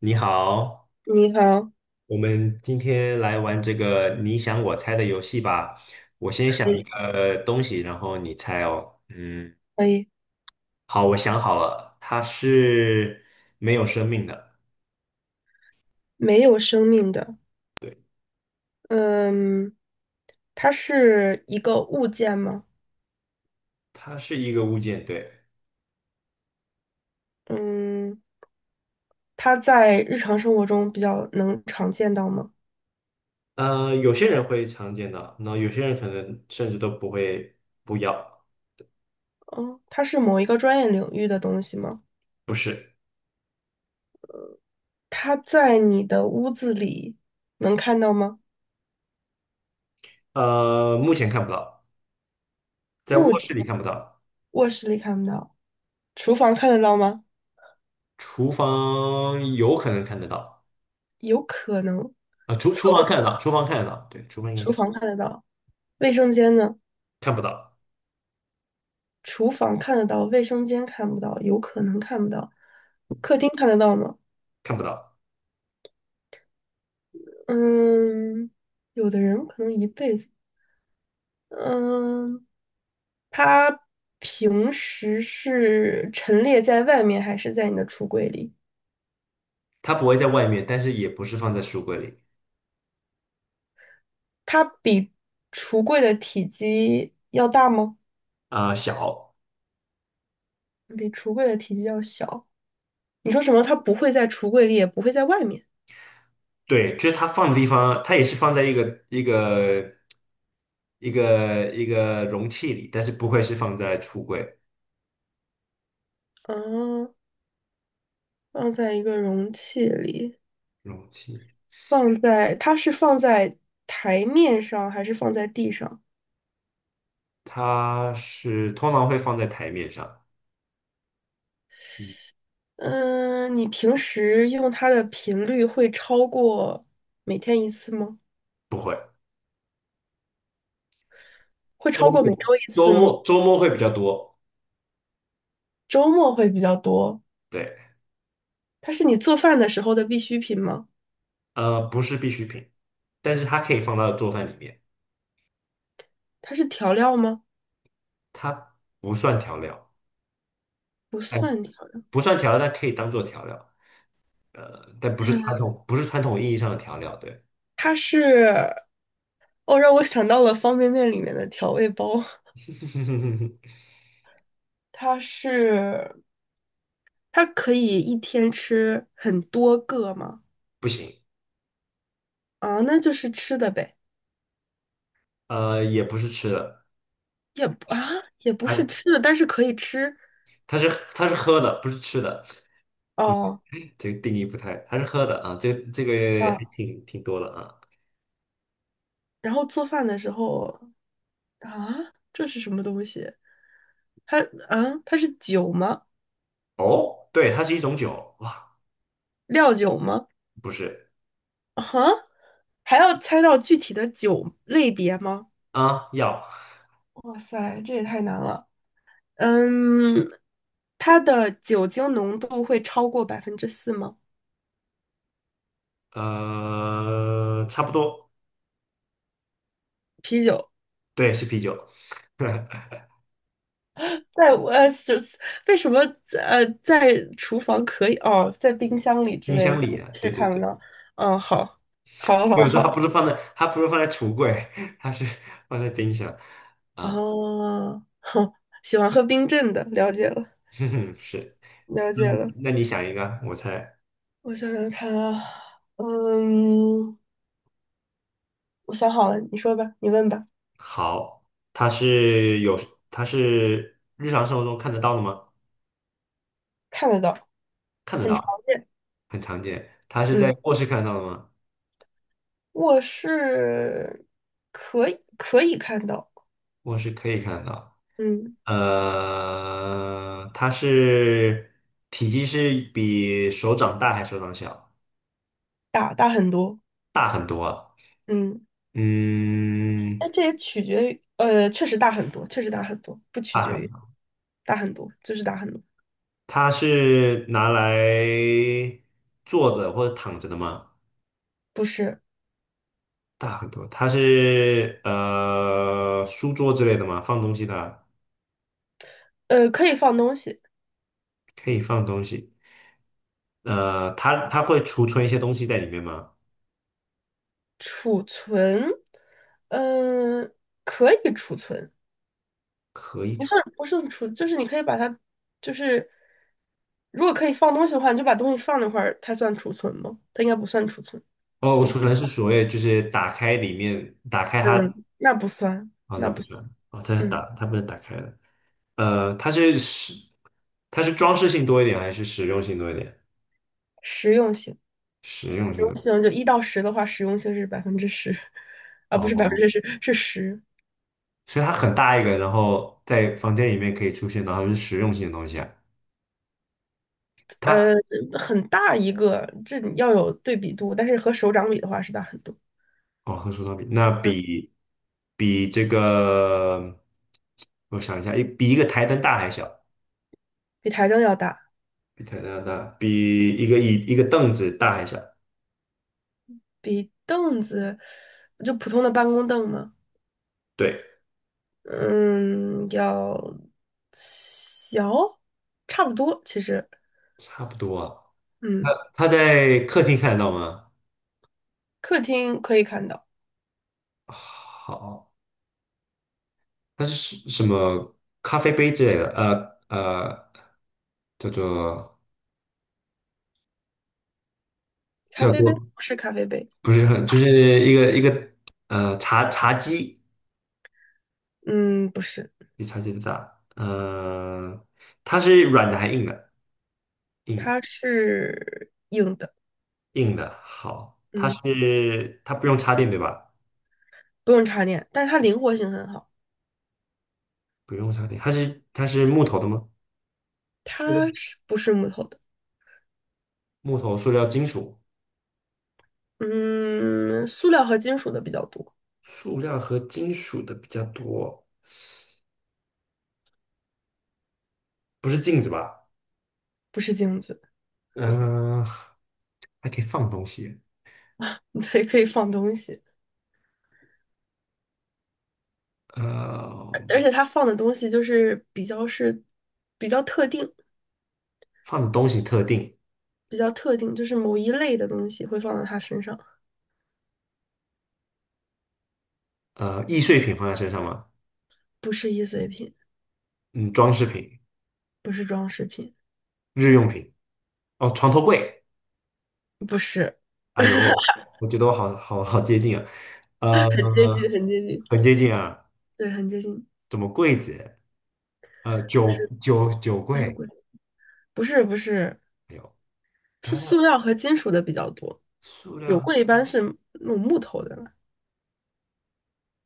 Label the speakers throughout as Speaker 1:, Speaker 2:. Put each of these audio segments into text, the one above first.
Speaker 1: 你好，
Speaker 2: 你好，
Speaker 1: 我们今天来玩这个你想我猜的游戏吧。我先想
Speaker 2: 可
Speaker 1: 一
Speaker 2: 以，
Speaker 1: 个东西，然后你猜哦。嗯，
Speaker 2: 可以，
Speaker 1: 好，我想好了，它是没有生命的。
Speaker 2: 没有生命的，
Speaker 1: 对，
Speaker 2: 嗯，它是一个物件吗？
Speaker 1: 它是一个物件，对。
Speaker 2: 嗯，它在日常生活中比较能常见到吗？
Speaker 1: 有些人会常见到，那有些人可能甚至都不会不要，
Speaker 2: 哦，它是某一个专业领域的东西吗？
Speaker 1: 不是。
Speaker 2: 它在你的屋子里能看到吗？
Speaker 1: 目前看不到，在
Speaker 2: 目
Speaker 1: 卧室里
Speaker 2: 前
Speaker 1: 看不到。
Speaker 2: 卧室里看不到，厨房看得到吗？
Speaker 1: 厨房有可能看得到。
Speaker 2: 有可能，
Speaker 1: 啊、厨
Speaker 2: 厕
Speaker 1: 厨房看得
Speaker 2: 所、
Speaker 1: 到，厨房看得到，对，厨房应该
Speaker 2: 厨
Speaker 1: 是
Speaker 2: 房看得到，卫生间呢？
Speaker 1: 看不到。
Speaker 2: 厨房看得到，卫生间看不到，有可能看不到，客厅看得到吗？
Speaker 1: 看不到，
Speaker 2: 嗯，有的人可能一辈子。嗯，他平时是陈列在外面还是在你的橱柜里？
Speaker 1: 它不会在外面，但是也不是放在书柜里。
Speaker 2: 它比橱柜的体积要大吗？
Speaker 1: 啊、小，
Speaker 2: 比橱柜的体积要小。你说什么？它不会在橱柜里，也不会在外面。
Speaker 1: 对，就是它放的地方，它也是放在一个一个容器里，但是不会是放在橱柜
Speaker 2: 嗯，放在一个容器里，
Speaker 1: 容器，
Speaker 2: 放在，它是放在台面上还是放在地上？
Speaker 1: 它是通常会放在台面上。
Speaker 2: 嗯，你平时用它的频率会超过每天一次吗？
Speaker 1: 不会。
Speaker 2: 会
Speaker 1: 周
Speaker 2: 超过每
Speaker 1: 末
Speaker 2: 周一
Speaker 1: 周
Speaker 2: 次吗？
Speaker 1: 末周末会比较多。
Speaker 2: 周末会比较多。
Speaker 1: 对，
Speaker 2: 它是你做饭的时候的必需品吗？
Speaker 1: 不是必需品，但是它可以放到做饭里面。
Speaker 2: 它是调料吗？
Speaker 1: 它不算调料，
Speaker 2: 不
Speaker 1: 哎，
Speaker 2: 算调料。
Speaker 1: 不算调料，但可以当做调料。呃，但不是传
Speaker 2: 呃
Speaker 1: 统，不是传统意义上的调料，对。
Speaker 2: 它是，哦，让我想到了方便面里面的调味包。它是，它可以一天吃很多个吗？
Speaker 1: 不行。
Speaker 2: 啊，那就是吃的呗，
Speaker 1: 也不是吃的。
Speaker 2: 也不啊，也不是
Speaker 1: 它
Speaker 2: 吃的，但是可以吃。
Speaker 1: 它是它是喝的，不是吃的。
Speaker 2: 哦。
Speaker 1: 这个定义不太，它是喝的啊，这个还
Speaker 2: 啊。
Speaker 1: 挺多的啊。
Speaker 2: 然后做饭的时候啊，这是什么东西？它啊，它是酒吗？
Speaker 1: 哦，对，它是一种酒，哇，
Speaker 2: 料酒吗？
Speaker 1: 不是
Speaker 2: 啊，还要猜到具体的酒类别吗？
Speaker 1: 啊，药。
Speaker 2: 哇塞，这也太难了。嗯，它的酒精浓度会超过百分之四吗？
Speaker 1: 差不多。
Speaker 2: 啤酒
Speaker 1: 对，是啤酒。
Speaker 2: 在我就是为什么在厨房可以哦，在冰箱里之
Speaker 1: 冰
Speaker 2: 类的，
Speaker 1: 箱
Speaker 2: 在
Speaker 1: 里
Speaker 2: 卧
Speaker 1: 对
Speaker 2: 室
Speaker 1: 对对
Speaker 2: 看不
Speaker 1: 对。
Speaker 2: 到。嗯，好，好，好，
Speaker 1: 有时候它不
Speaker 2: 好。
Speaker 1: 是放在，它不是放在橱柜，它是放在冰箱啊。
Speaker 2: 哦，哼，喜欢喝冰镇的，了解了，
Speaker 1: 哼哼，是。
Speaker 2: 了解了。
Speaker 1: 嗯，那你想一个，我猜。
Speaker 2: 我想想看啊，嗯，我想好了，你说吧，你问吧。
Speaker 1: 好，它是有，它是日常生活中看得到的吗？
Speaker 2: 看得到，
Speaker 1: 看得
Speaker 2: 很常
Speaker 1: 到，
Speaker 2: 见。
Speaker 1: 很常见。它是
Speaker 2: 嗯，
Speaker 1: 在卧室看得到的吗？
Speaker 2: 卧室可以看到，
Speaker 1: 卧室可以看得到。
Speaker 2: 嗯，
Speaker 1: 它是体积是比手掌大还是手掌小？
Speaker 2: 大大很多，
Speaker 1: 大很多啊。
Speaker 2: 嗯，
Speaker 1: 嗯，
Speaker 2: 哎，这也取决于，确实大很多，确实大很多，不取
Speaker 1: 大
Speaker 2: 决
Speaker 1: 很。
Speaker 2: 于大很多，就是大很多，
Speaker 1: 它是拿来坐着或者躺着的吗？
Speaker 2: 不是，
Speaker 1: 大很多。它是书桌之类的吗？放东西的啊
Speaker 2: 可以放东西，
Speaker 1: 可以放东西。它会储存一些东西在里面吗？
Speaker 2: 储存，嗯、可以储存。不是储，就是你可以把它，就是如果可以放东西的话，你就把东西放那块儿，它算储存吗？它应该不算储存。
Speaker 1: 哦，我
Speaker 2: 嗯
Speaker 1: 储存是所谓就是打开里面，打开它。
Speaker 2: 嗯，那不算，
Speaker 1: 哦，那
Speaker 2: 那
Speaker 1: 不
Speaker 2: 不算。
Speaker 1: 算。哦，
Speaker 2: 嗯，
Speaker 1: 它不能打开的。呃，它是实，它是装饰性多一点还是实用性多一点？
Speaker 2: 实用性，实
Speaker 1: 实用性
Speaker 2: 用
Speaker 1: 的。
Speaker 2: 性就一到十的话，实用性是百分之十，啊，不是百分
Speaker 1: 哦，
Speaker 2: 之十，是十。
Speaker 1: 所以它很大一个，然后在房间里面可以出现，然后是实用性的东西啊。
Speaker 2: 呃，
Speaker 1: 它
Speaker 2: 很大一个，这你要有对比度，但是和手掌比的话是大很多，
Speaker 1: 哦，和手套比，那比这个，我想一下，一比一个台灯大还小。
Speaker 2: 比台灯要大，
Speaker 1: 比台大大，比一个凳子大一下，
Speaker 2: 比凳子，就普通的办公凳嘛。
Speaker 1: 对，
Speaker 2: 嗯，要小，差不多，其实，
Speaker 1: 差不多啊。
Speaker 2: 嗯，
Speaker 1: 它在客厅看得到吗？
Speaker 2: 客厅可以看到，
Speaker 1: 好，它是什么咖啡杯之类的？叫做
Speaker 2: 咖
Speaker 1: 叫
Speaker 2: 啡杯
Speaker 1: 做
Speaker 2: 不是咖啡杯，
Speaker 1: 不是很，就是一个一个茶几，
Speaker 2: 嗯，不是，
Speaker 1: 比茶几的大。它是软的还硬的？硬
Speaker 2: 它是硬的，
Speaker 1: 硬的，好，它
Speaker 2: 嗯，
Speaker 1: 是它不用插电对吧？
Speaker 2: 不用插电，但是它灵活性很好，
Speaker 1: 不用插电，它是木头的吗？
Speaker 2: 它是不是木头的？
Speaker 1: 木头、塑料、金属，
Speaker 2: 嗯，塑料和金属的比较多，
Speaker 1: 塑料和金属的比较多，不是镜子吧？
Speaker 2: 不是镜子，
Speaker 1: 嗯、还可以放东西。
Speaker 2: 对，可以放东西，
Speaker 1: 呃，
Speaker 2: 而且它放的东西就是比较是比较特定，
Speaker 1: 放的东西特定。
Speaker 2: 比较特定，就是某一类的东西会放到它身上。
Speaker 1: 易碎品放在身上吗？
Speaker 2: 不是易碎品，
Speaker 1: 嗯，装饰品、
Speaker 2: 不是装饰品，
Speaker 1: 日用品，哦，床头柜。
Speaker 2: 不是，
Speaker 1: 哎 呦，我觉得我好接近啊。呃，
Speaker 2: 很接近，很接近，
Speaker 1: 很接近啊，
Speaker 2: 对，很接近，
Speaker 1: 怎么柜子？呃，酒
Speaker 2: 是
Speaker 1: 酒酒
Speaker 2: 不是
Speaker 1: 柜，
Speaker 2: 贵？不是，不是，
Speaker 1: 哎呦，
Speaker 2: 是
Speaker 1: 它
Speaker 2: 塑
Speaker 1: 的
Speaker 2: 料和金属的比较多，
Speaker 1: 塑
Speaker 2: 有
Speaker 1: 料。
Speaker 2: 柜一般是那种木头的了。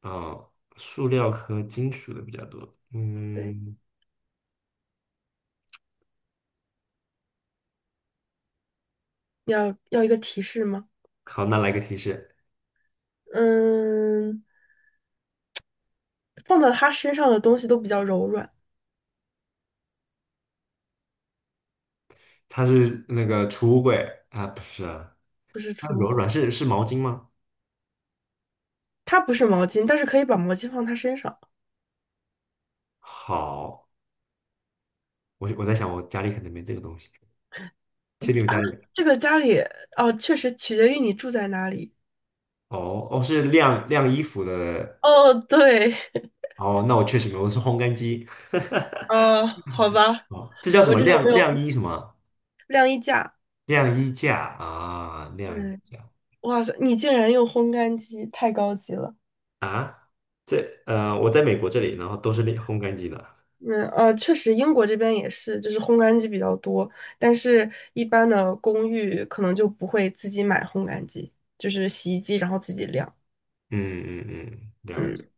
Speaker 1: 哦，塑料和金属的比较多。
Speaker 2: 对，
Speaker 1: 嗯，
Speaker 2: 要一个提示吗？
Speaker 1: 好，那来个提示。
Speaker 2: 嗯，放到他身上的东西都比较柔软，
Speaker 1: 它是那个储物柜啊，不是啊。
Speaker 2: 不是
Speaker 1: 它
Speaker 2: 储物
Speaker 1: 柔软
Speaker 2: 柜。
Speaker 1: 是是毛巾吗？
Speaker 2: 它不是毛巾，但是可以把毛巾放他身上。
Speaker 1: 好，我在想我家里可能没这个东西，确定我家里
Speaker 2: 这个家里哦，确实取决于你住在哪里。
Speaker 1: 哦哦是晾衣服的。
Speaker 2: 哦，对，
Speaker 1: 哦那我确实没有，我是烘干机。
Speaker 2: 哦，好吧，
Speaker 1: 哦，这叫什
Speaker 2: 我
Speaker 1: 么
Speaker 2: 这种没
Speaker 1: 晾
Speaker 2: 有，
Speaker 1: 晾衣什么
Speaker 2: 晾衣架。
Speaker 1: 晾衣架啊晾衣
Speaker 2: 嗯，
Speaker 1: 架
Speaker 2: 哇塞，你竟然用烘干机，太高级了。
Speaker 1: 啊，这我在美国这里，然后都是晾烘干机的。
Speaker 2: 确实，英国这边也是，就是烘干机比较多，但是一般的公寓可能就不会自己买烘干机，就是洗衣机然后自己晾。
Speaker 1: 嗯嗯嗯，了解
Speaker 2: 嗯，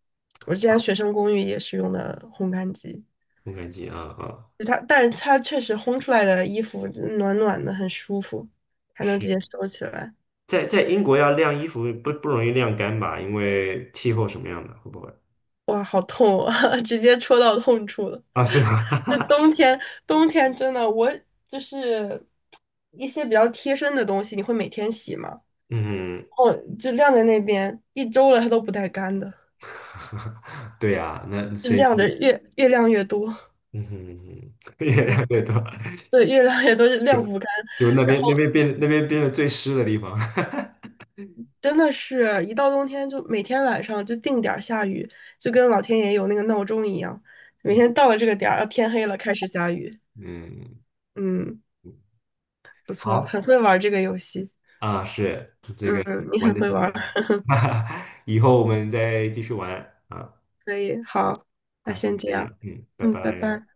Speaker 2: 我之前学生公寓也是用的烘干机，
Speaker 1: 烘干机啊啊。
Speaker 2: 就它，但是它确实烘出来的衣服暖暖的，很舒服，还能直接
Speaker 1: 是。
Speaker 2: 收起来。
Speaker 1: 在英国要晾衣服不容易晾干吧？因为气候什么样的，会不会？
Speaker 2: 哇，好痛啊，直接戳到痛处了。
Speaker 1: 啊，是
Speaker 2: 就
Speaker 1: 吗？
Speaker 2: 冬天，冬天真的，我就是一些比较贴身的东西，你会每天洗吗？
Speaker 1: 嗯，
Speaker 2: 哦，就晾在那边一周了，它都不带干的，
Speaker 1: 对呀、那
Speaker 2: 就
Speaker 1: 所以
Speaker 2: 晾着越晾越多，
Speaker 1: 嗯哼。越
Speaker 2: 对
Speaker 1: 晾越多。
Speaker 2: 对，越晾越多就晾
Speaker 1: 就
Speaker 2: 不干。
Speaker 1: 就那
Speaker 2: 然
Speaker 1: 边
Speaker 2: 后
Speaker 1: 那边变那边变得最湿的地方。
Speaker 2: 真的是一到冬天，就每天晚上就定点儿下雨，就跟老天爷有那个闹钟一样，每天到 了这个点儿，啊天黑了开始下雨。
Speaker 1: 嗯
Speaker 2: 嗯，
Speaker 1: 嗯，
Speaker 2: 不错，
Speaker 1: 好
Speaker 2: 很会玩儿这个游戏。
Speaker 1: 啊，是这个
Speaker 2: 嗯，你
Speaker 1: 玩
Speaker 2: 很
Speaker 1: 的
Speaker 2: 会
Speaker 1: 挺开
Speaker 2: 玩儿，
Speaker 1: 心。以后我们再继续玩啊。
Speaker 2: 可以，好，那
Speaker 1: 那
Speaker 2: 先
Speaker 1: 先
Speaker 2: 这
Speaker 1: 这
Speaker 2: 样。
Speaker 1: 样，嗯，拜
Speaker 2: 嗯，拜
Speaker 1: 拜。
Speaker 2: 拜。